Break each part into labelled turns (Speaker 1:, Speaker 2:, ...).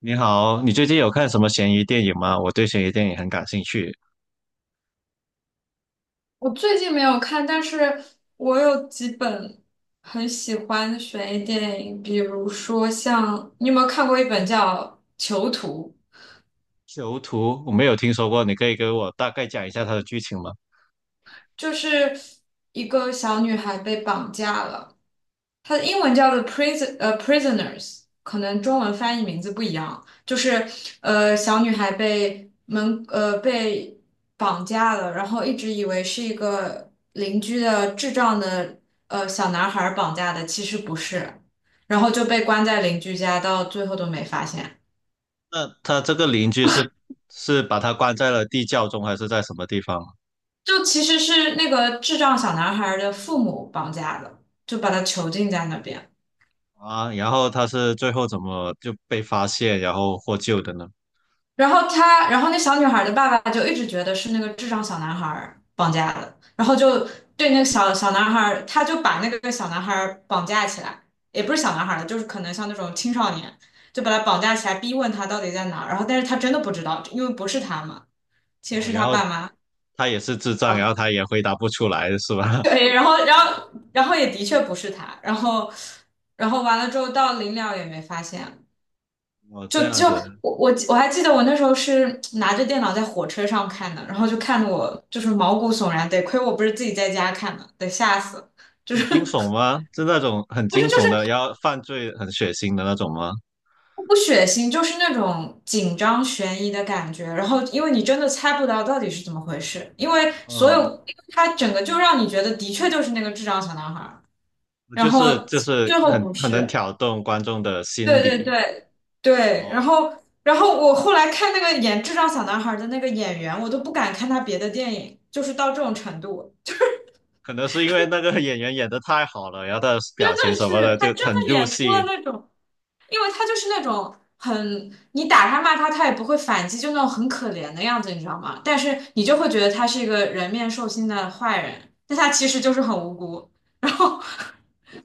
Speaker 1: 你好，你最近有看什么悬疑电影吗？我对悬疑电影很感兴趣。
Speaker 2: 我最近没有看，但是我有几本很喜欢的悬疑电影，比如说像，你有没有看过一本叫《囚徒》，
Speaker 1: 囚徒，我没有听说过，你可以给我大概讲一下它的剧情吗？
Speaker 2: 就是一个小女孩被绑架了。它的英文叫做 prison prisoners，可能中文翻译名字不一样，就是小女孩被绑架了，然后一直以为是一个邻居的智障的小男孩绑架的，其实不是，然后就被关在邻居家，到最后都没发现，
Speaker 1: 那他这个邻居是把他关在了地窖中，还是在什么地方
Speaker 2: 就其实是那个智障小男孩的父母绑架的，就把他囚禁在那边。
Speaker 1: 啊？然后他是最后怎么就被发现，然后获救的呢？
Speaker 2: 然后他，然后那小女孩的爸爸就一直觉得是那个智障小男孩绑架的，然后就对那个小男孩他就把那个小男孩绑架起来，也不是小男孩了，就是可能像那种青少年，就把他绑架起来，逼问他到底在哪儿，然后但是他真的不知道，因为不是他嘛，其实
Speaker 1: 哦，
Speaker 2: 是
Speaker 1: 然
Speaker 2: 他
Speaker 1: 后
Speaker 2: 爸妈。
Speaker 1: 他也是智障，然
Speaker 2: 啊，
Speaker 1: 后他也回答不出来，是吧？
Speaker 2: 对，然后，然后也的确不是他，然后，然后完了之后到临了也没发现，
Speaker 1: 哦，这
Speaker 2: 就
Speaker 1: 样
Speaker 2: 就
Speaker 1: 子
Speaker 2: 我还记得我那时候是拿着电脑在火车上看的，然后就看得我就是毛骨悚然，得亏我不是自己在家看的，得吓死了就
Speaker 1: 很
Speaker 2: 是。
Speaker 1: 惊悚 吗？是那种很
Speaker 2: 不是，
Speaker 1: 惊
Speaker 2: 就
Speaker 1: 悚的，
Speaker 2: 是
Speaker 1: 然后犯罪很血腥的那种吗？
Speaker 2: 不血腥，就是那种紧张悬疑的感觉。然后因为你真的猜不到到底是怎么回事，因为所有
Speaker 1: 嗯。
Speaker 2: 因为它整个就让你觉得的确就是那个智障小男孩儿，然
Speaker 1: 就是
Speaker 2: 后
Speaker 1: 就是
Speaker 2: 最后
Speaker 1: 很
Speaker 2: 不
Speaker 1: 很能
Speaker 2: 是。
Speaker 1: 挑动观众的心
Speaker 2: 对，对，
Speaker 1: 理
Speaker 2: 对，对，然
Speaker 1: 哦，
Speaker 2: 后然后我后来看那个演《智障小男孩》的那个演员，我都不敢看他别的电影，就是到这种程度。
Speaker 1: 可能是因为那个演员演的太好了，然后他的
Speaker 2: 真
Speaker 1: 表情
Speaker 2: 的
Speaker 1: 什么
Speaker 2: 是
Speaker 1: 的就
Speaker 2: 他真的
Speaker 1: 很入
Speaker 2: 演出了
Speaker 1: 戏，
Speaker 2: 那种，因为他就是那种很你打他骂他，他也不会反击，就那种很可怜的样子，你知道吗？但是你就会觉得他是一个人面兽心的坏人，但他其实就是很无辜。然后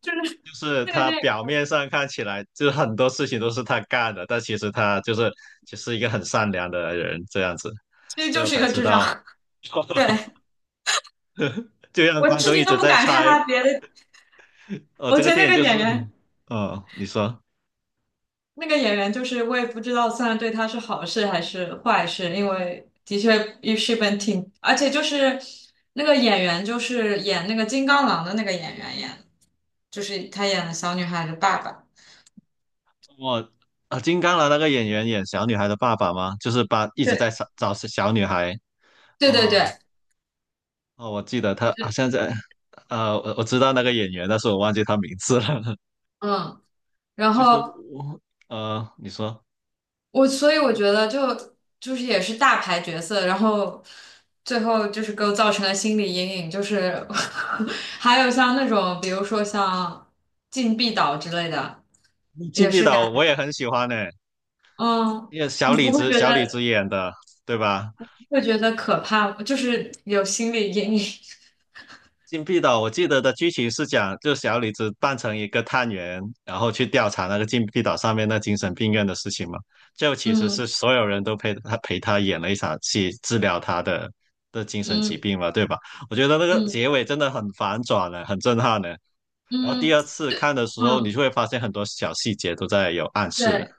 Speaker 2: 就是
Speaker 1: 就是
Speaker 2: 那个
Speaker 1: 他
Speaker 2: 电影
Speaker 1: 表面上看起来就是很多事情都是他干的，但其实他就是一个很善良的人这样子，
Speaker 2: 其实
Speaker 1: 所以
Speaker 2: 就
Speaker 1: 我
Speaker 2: 是一
Speaker 1: 才
Speaker 2: 个
Speaker 1: 知
Speaker 2: 智障。
Speaker 1: 道，
Speaker 2: 对，
Speaker 1: 就让
Speaker 2: 我
Speaker 1: 观
Speaker 2: 至
Speaker 1: 众一
Speaker 2: 今都
Speaker 1: 直
Speaker 2: 不
Speaker 1: 在
Speaker 2: 敢看
Speaker 1: 猜，
Speaker 2: 他别的，我
Speaker 1: 这
Speaker 2: 觉
Speaker 1: 个
Speaker 2: 得
Speaker 1: 电
Speaker 2: 那
Speaker 1: 影
Speaker 2: 个
Speaker 1: 就是，
Speaker 2: 演员。
Speaker 1: 你说
Speaker 2: 那个演员就是我也不知道算对他是好事还是坏事，因为的确也是本挺，而且就是那个演员就是演那个金刚狼的那个演员演的，就是他演了小女孩的爸爸。
Speaker 1: 我。啊，金刚狼那个演员演小女孩的爸爸吗？就是把一直在
Speaker 2: 对，
Speaker 1: 找小女孩
Speaker 2: 对，对，
Speaker 1: 哦，
Speaker 2: 对，
Speaker 1: 哦，我记得他好像在，我知道那个演员，但是我忘记他名字了。
Speaker 2: 嗯，然
Speaker 1: 其实
Speaker 2: 后
Speaker 1: 我，你说
Speaker 2: 我所以我觉得就就是也是大牌角色，然后最后就是给我造成了心理阴影，就是。 还有像那种比如说像禁闭岛之类的，
Speaker 1: 《禁
Speaker 2: 也
Speaker 1: 闭
Speaker 2: 是
Speaker 1: 岛》我
Speaker 2: 感。
Speaker 1: 也很喜欢呢，
Speaker 2: 嗯，
Speaker 1: 因为小
Speaker 2: 你
Speaker 1: 李
Speaker 2: 不会
Speaker 1: 子
Speaker 2: 觉
Speaker 1: 小李子
Speaker 2: 得
Speaker 1: 演的，对吧？
Speaker 2: 会觉得可怕，就是有心理阴影。
Speaker 1: 《禁闭岛》我记得的剧情是讲，就小李子扮成一个探员，然后去调查那个禁闭岛上面那精神病院的事情嘛。就其实
Speaker 2: 嗯
Speaker 1: 是所有人都陪他演了一场戏，治疗他的精神疾
Speaker 2: 嗯
Speaker 1: 病嘛，对吧？我觉得那个
Speaker 2: 嗯
Speaker 1: 结尾真的很反转呢，很震撼呢。然后第
Speaker 2: 嗯
Speaker 1: 二次看的时候，你
Speaker 2: 嗯，
Speaker 1: 就会发现很多小细节都在有暗示。
Speaker 2: 对，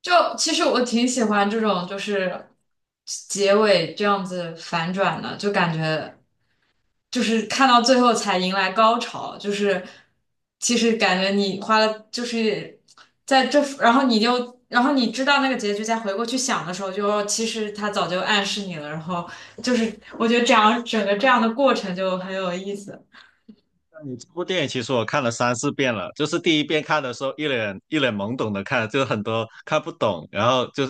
Speaker 2: 就其实我挺喜欢这种就是结尾这样子反转的，就感觉。就是看到最后才迎来高潮，就是其实感觉你花了就是在这，然后你就然后你知道那个结局，再回过去想的时候就，其实他早就暗示你了，然后就是我觉得这样整个这样的过程就很有意思。
Speaker 1: 那你这部电影其实我看了三四遍了，就是第一遍看的时候一脸懵懂的看，就很多看不懂，然后就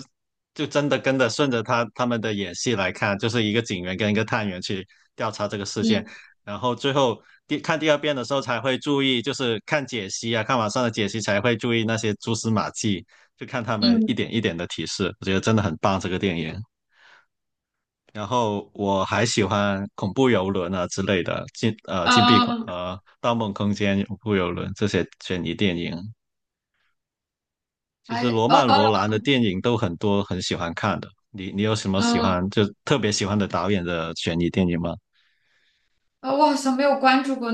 Speaker 1: 就真的跟着顺着他们的演戏来看，就是一个警员跟一个探员去调查这个事件，
Speaker 2: 嗯，
Speaker 1: 然后最后看第二遍的时候才会注意，就是看解析啊，看网上的解析才会注意那些蛛丝马迹，就看他们一
Speaker 2: 嗯，
Speaker 1: 点一点的提示，我觉得真的很棒这个电影。然后我还喜欢恐怖游轮啊之类的，禁呃禁闭恐
Speaker 2: 呃，
Speaker 1: 呃《盗梦空间》《恐怖游轮》这些悬疑电影。其实
Speaker 2: 还，
Speaker 1: 罗
Speaker 2: 哦
Speaker 1: 曼·
Speaker 2: 哦
Speaker 1: 罗兰的电影都很多，很喜欢看的。你有什么喜
Speaker 2: 嗯，
Speaker 1: 欢就特别喜欢的导演的悬疑电影吗？
Speaker 2: 啊，我好像没有关注过，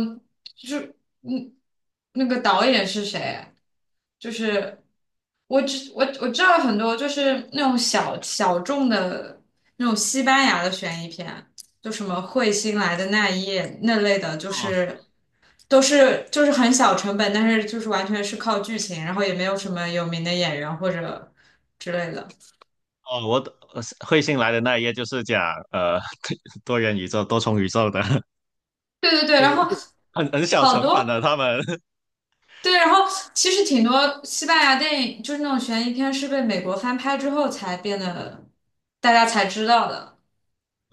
Speaker 2: 就是嗯，那个导演是谁？就是我只我知道很多，就是那种小小众的那种西班牙的悬疑片，就什么彗星来的那一夜那类的，就
Speaker 1: 哦
Speaker 2: 是都是就是很小成本，但是就是完全是靠剧情，然后也没有什么有名的演员或者之类的。
Speaker 1: 哦，我的彗星来的那一页就是讲呃 多元宇宙、多重宇宙的，
Speaker 2: 对，对， 对，
Speaker 1: 就
Speaker 2: 然后。
Speaker 1: 是很小
Speaker 2: 好
Speaker 1: 成本
Speaker 2: 多。
Speaker 1: 的他们。
Speaker 2: 对，然后其实挺多西班牙电影，就是那种悬疑片，是被美国翻拍之后才变得大家才知道的。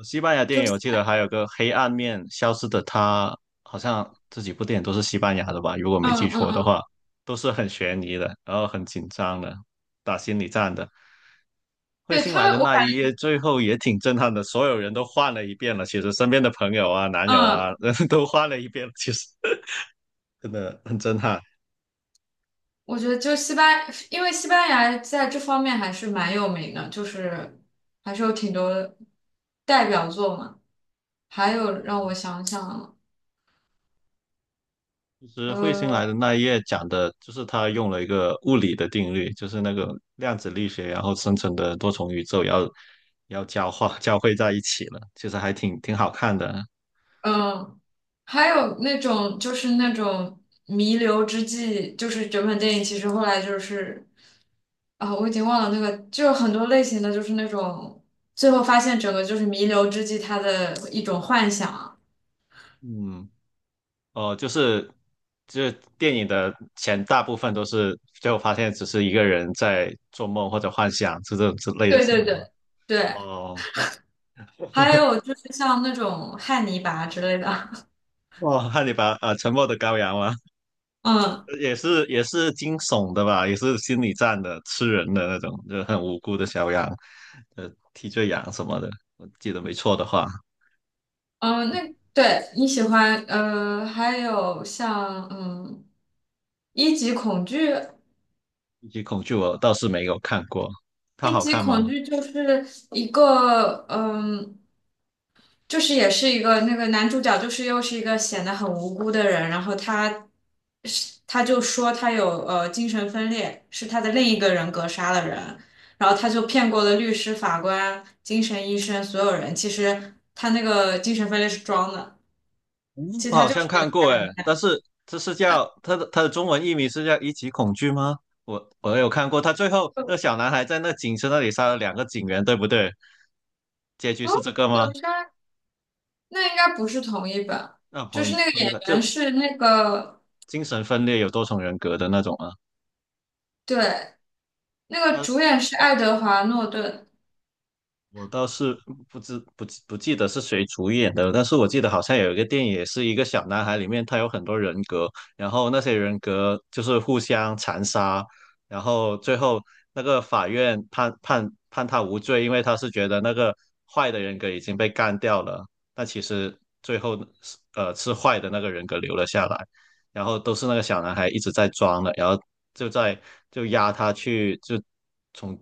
Speaker 1: 西班牙电
Speaker 2: 就
Speaker 1: 影
Speaker 2: 是，
Speaker 1: 我记得还有个《黑暗面》，消失的她，好像这几部电影都是西班牙的吧？如果没
Speaker 2: 嗯
Speaker 1: 记
Speaker 2: 嗯
Speaker 1: 错的
Speaker 2: 嗯，
Speaker 1: 话，都是很悬疑的，然后很紧张的，打心理战的。彗
Speaker 2: 对
Speaker 1: 星
Speaker 2: 他
Speaker 1: 来
Speaker 2: 们，
Speaker 1: 的
Speaker 2: 我
Speaker 1: 那
Speaker 2: 感，
Speaker 1: 一夜，最后也挺震撼的，所有人都换了一遍了。其实身边的朋友啊、男友
Speaker 2: 嗯，
Speaker 1: 啊，都换了一遍了其实 真的很震撼。
Speaker 2: 我觉得就西班，因为西班牙在这方面还是蛮有名的，就是还是有挺多代表作嘛。还有让我想想，
Speaker 1: 其实彗星来
Speaker 2: 呃。
Speaker 1: 的那一页讲的就是他用了一个物理的定律，就是那个量子力学，然后生成的多重宇宙要交化 交汇在一起了，其实还挺好看的。
Speaker 2: 嗯，还有那种就是那种弥留之际，就是整本电影其实后来就是我已经忘了那个，就是很多类型的，就是那种最后发现整个就是弥留之际他的一种幻想。
Speaker 1: 嗯，哦，就是电影的前大部分都是最后发现只是一个人在做梦或者幻想，是这种之类的
Speaker 2: 对，
Speaker 1: 型
Speaker 2: 对，
Speaker 1: 的吗？
Speaker 2: 对，对，
Speaker 1: 哦，
Speaker 2: 还有就是像那种汉尼拔之类的。
Speaker 1: 哇，汉你把呃《沉默的羔羊》吗？
Speaker 2: 嗯，
Speaker 1: 也是惊悚的吧，也是心理战的，吃人的那种，就很无辜的小羊，替罪羊什么的，我记得没错的话，
Speaker 2: 嗯，那对你喜欢还有像嗯一级恐惧。
Speaker 1: 《一级恐惧》我倒是没有看过，它
Speaker 2: 一
Speaker 1: 好
Speaker 2: 级
Speaker 1: 看
Speaker 2: 恐
Speaker 1: 吗？
Speaker 2: 惧就是一个，嗯，就是也是一个那个男主角，就是又是一个显得很无辜的人，然后他就说他有精神分裂，是他的另一个人格杀了人，然后他就骗过了律师、法官、精神医生所有人，其实他那个精神分裂是装的，
Speaker 1: 嗯，
Speaker 2: 其实
Speaker 1: 我
Speaker 2: 他
Speaker 1: 好
Speaker 2: 就
Speaker 1: 像
Speaker 2: 是那个
Speaker 1: 看
Speaker 2: 杀
Speaker 1: 过诶，
Speaker 2: 人。
Speaker 1: 但是这是叫它的中文译名是叫《一级恐惧》吗？我有看过，他最后那小男孩在那警车那里杀了两个警员，对不对？结局
Speaker 2: 哦，
Speaker 1: 是这个吗？
Speaker 2: 有杀，那应该不是同一本，
Speaker 1: 那
Speaker 2: 就
Speaker 1: 彭
Speaker 2: 是那
Speaker 1: 于
Speaker 2: 个
Speaker 1: 彭于
Speaker 2: 演
Speaker 1: 晏
Speaker 2: 员
Speaker 1: 就
Speaker 2: 是那个，
Speaker 1: 精神分裂有多重人格的那种啊。
Speaker 2: 对，那个
Speaker 1: 他
Speaker 2: 主演是爱德华诺顿。
Speaker 1: 我倒是不记得是谁主演的，但是我记得好像有一个电影也是一个小男孩，里面他有很多人格，然后那些人格就是互相残杀，然后最后那个法院判他无罪，因为他是觉得那个坏的人格已经被干掉了，但其实最后是坏的那个人格留了下来，然后都是那个小男孩一直在装的，然后就在就押他去，就从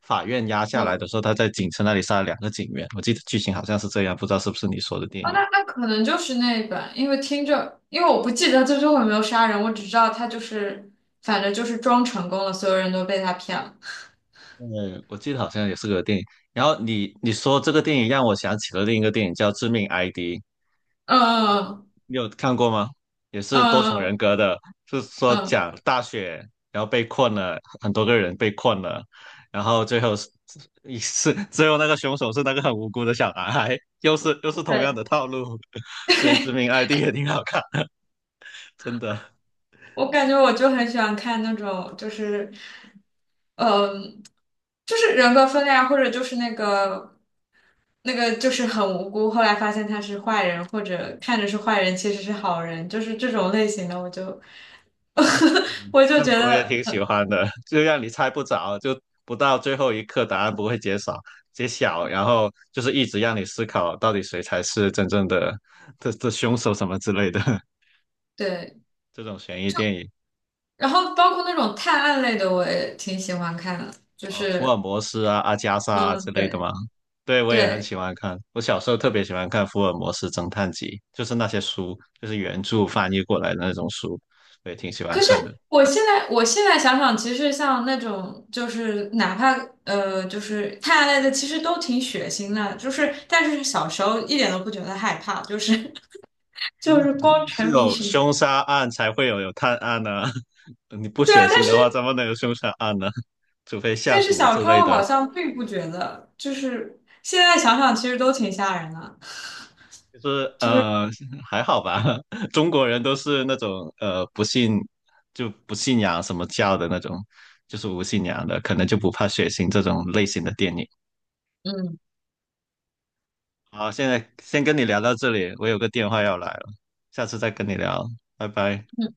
Speaker 1: 法院押下
Speaker 2: 嗯，
Speaker 1: 来
Speaker 2: 哦，
Speaker 1: 的时候，他在警车那里杀了两个警员。我记得剧情好像是这样，不知道是不是你说的电
Speaker 2: 那
Speaker 1: 影。
Speaker 2: 那可能就是那一版，因为听着，因为我不记得他最后有没有杀人，我只知道他就是，反正就是装成功了，所有人都被他骗了。
Speaker 1: 嗯，我记得好像也是个电影。然后你说这个电影让我想起了另一个电影叫《致命 ID》，
Speaker 2: 嗯
Speaker 1: 你有看过吗？也
Speaker 2: 嗯
Speaker 1: 是多重人
Speaker 2: 嗯
Speaker 1: 格的，是说
Speaker 2: 嗯，
Speaker 1: 讲大雪，然后被困了，很多个人被困了，然后最后是最后那个凶手是那个很无辜的小男孩，又是同样
Speaker 2: 对，
Speaker 1: 的套路。对，《致命 ID》也挺好看，真的，
Speaker 2: 我感觉我就很喜欢看那种，就是，嗯。就是人格分裂啊，或者就是那个就是很无辜，后来发现他是坏人，或者看着是坏人，其实是好人，就是这种类型的，我就。 我就
Speaker 1: 那
Speaker 2: 觉
Speaker 1: 我也
Speaker 2: 得
Speaker 1: 挺喜欢的，就让你猜不着，就不到最后一刻答案不会揭晓，然后就是一直让你思考到底谁才是真正的这凶手什么之类的
Speaker 2: 对。
Speaker 1: 这种悬疑电影。
Speaker 2: 然后包括那种探案类的，我也挺喜欢看的，就
Speaker 1: 呃，福尔
Speaker 2: 是
Speaker 1: 摩斯啊、阿加莎啊
Speaker 2: 嗯，
Speaker 1: 之类的
Speaker 2: 对，
Speaker 1: 吗？对，我也很
Speaker 2: 对。
Speaker 1: 喜欢看。我小时候特别喜欢看《福尔摩斯侦探集》，就是那些书，就是原著翻译过来的那种书，我也挺喜欢
Speaker 2: 可是
Speaker 1: 看的。
Speaker 2: 我现在想想，其实像那种就是哪怕就是探案类的，其实都挺血腥的，就是但是小时候一点都不觉得害怕，就是。
Speaker 1: 因为
Speaker 2: 就是
Speaker 1: 肯
Speaker 2: 光
Speaker 1: 定是
Speaker 2: 沉迷
Speaker 1: 有
Speaker 2: 于。
Speaker 1: 凶杀案才会有探案呢、你不
Speaker 2: 对啊，
Speaker 1: 血腥
Speaker 2: 但是
Speaker 1: 的话，怎么能有凶杀案呢？除非下
Speaker 2: 但是
Speaker 1: 毒
Speaker 2: 小
Speaker 1: 之
Speaker 2: 时
Speaker 1: 类
Speaker 2: 候好
Speaker 1: 的。
Speaker 2: 像并不觉得，就是现在想想其实都挺吓人的，
Speaker 1: 就是
Speaker 2: 就是
Speaker 1: 呃，还好吧。中国人都是那种不信不信仰什么教的那种，就是无信仰的，可能就不怕血腥这种类型的电影。
Speaker 2: 嗯，
Speaker 1: 好，现在先跟你聊到这里，我有个电话要来了，下次再跟你聊，拜拜。
Speaker 2: 嗯，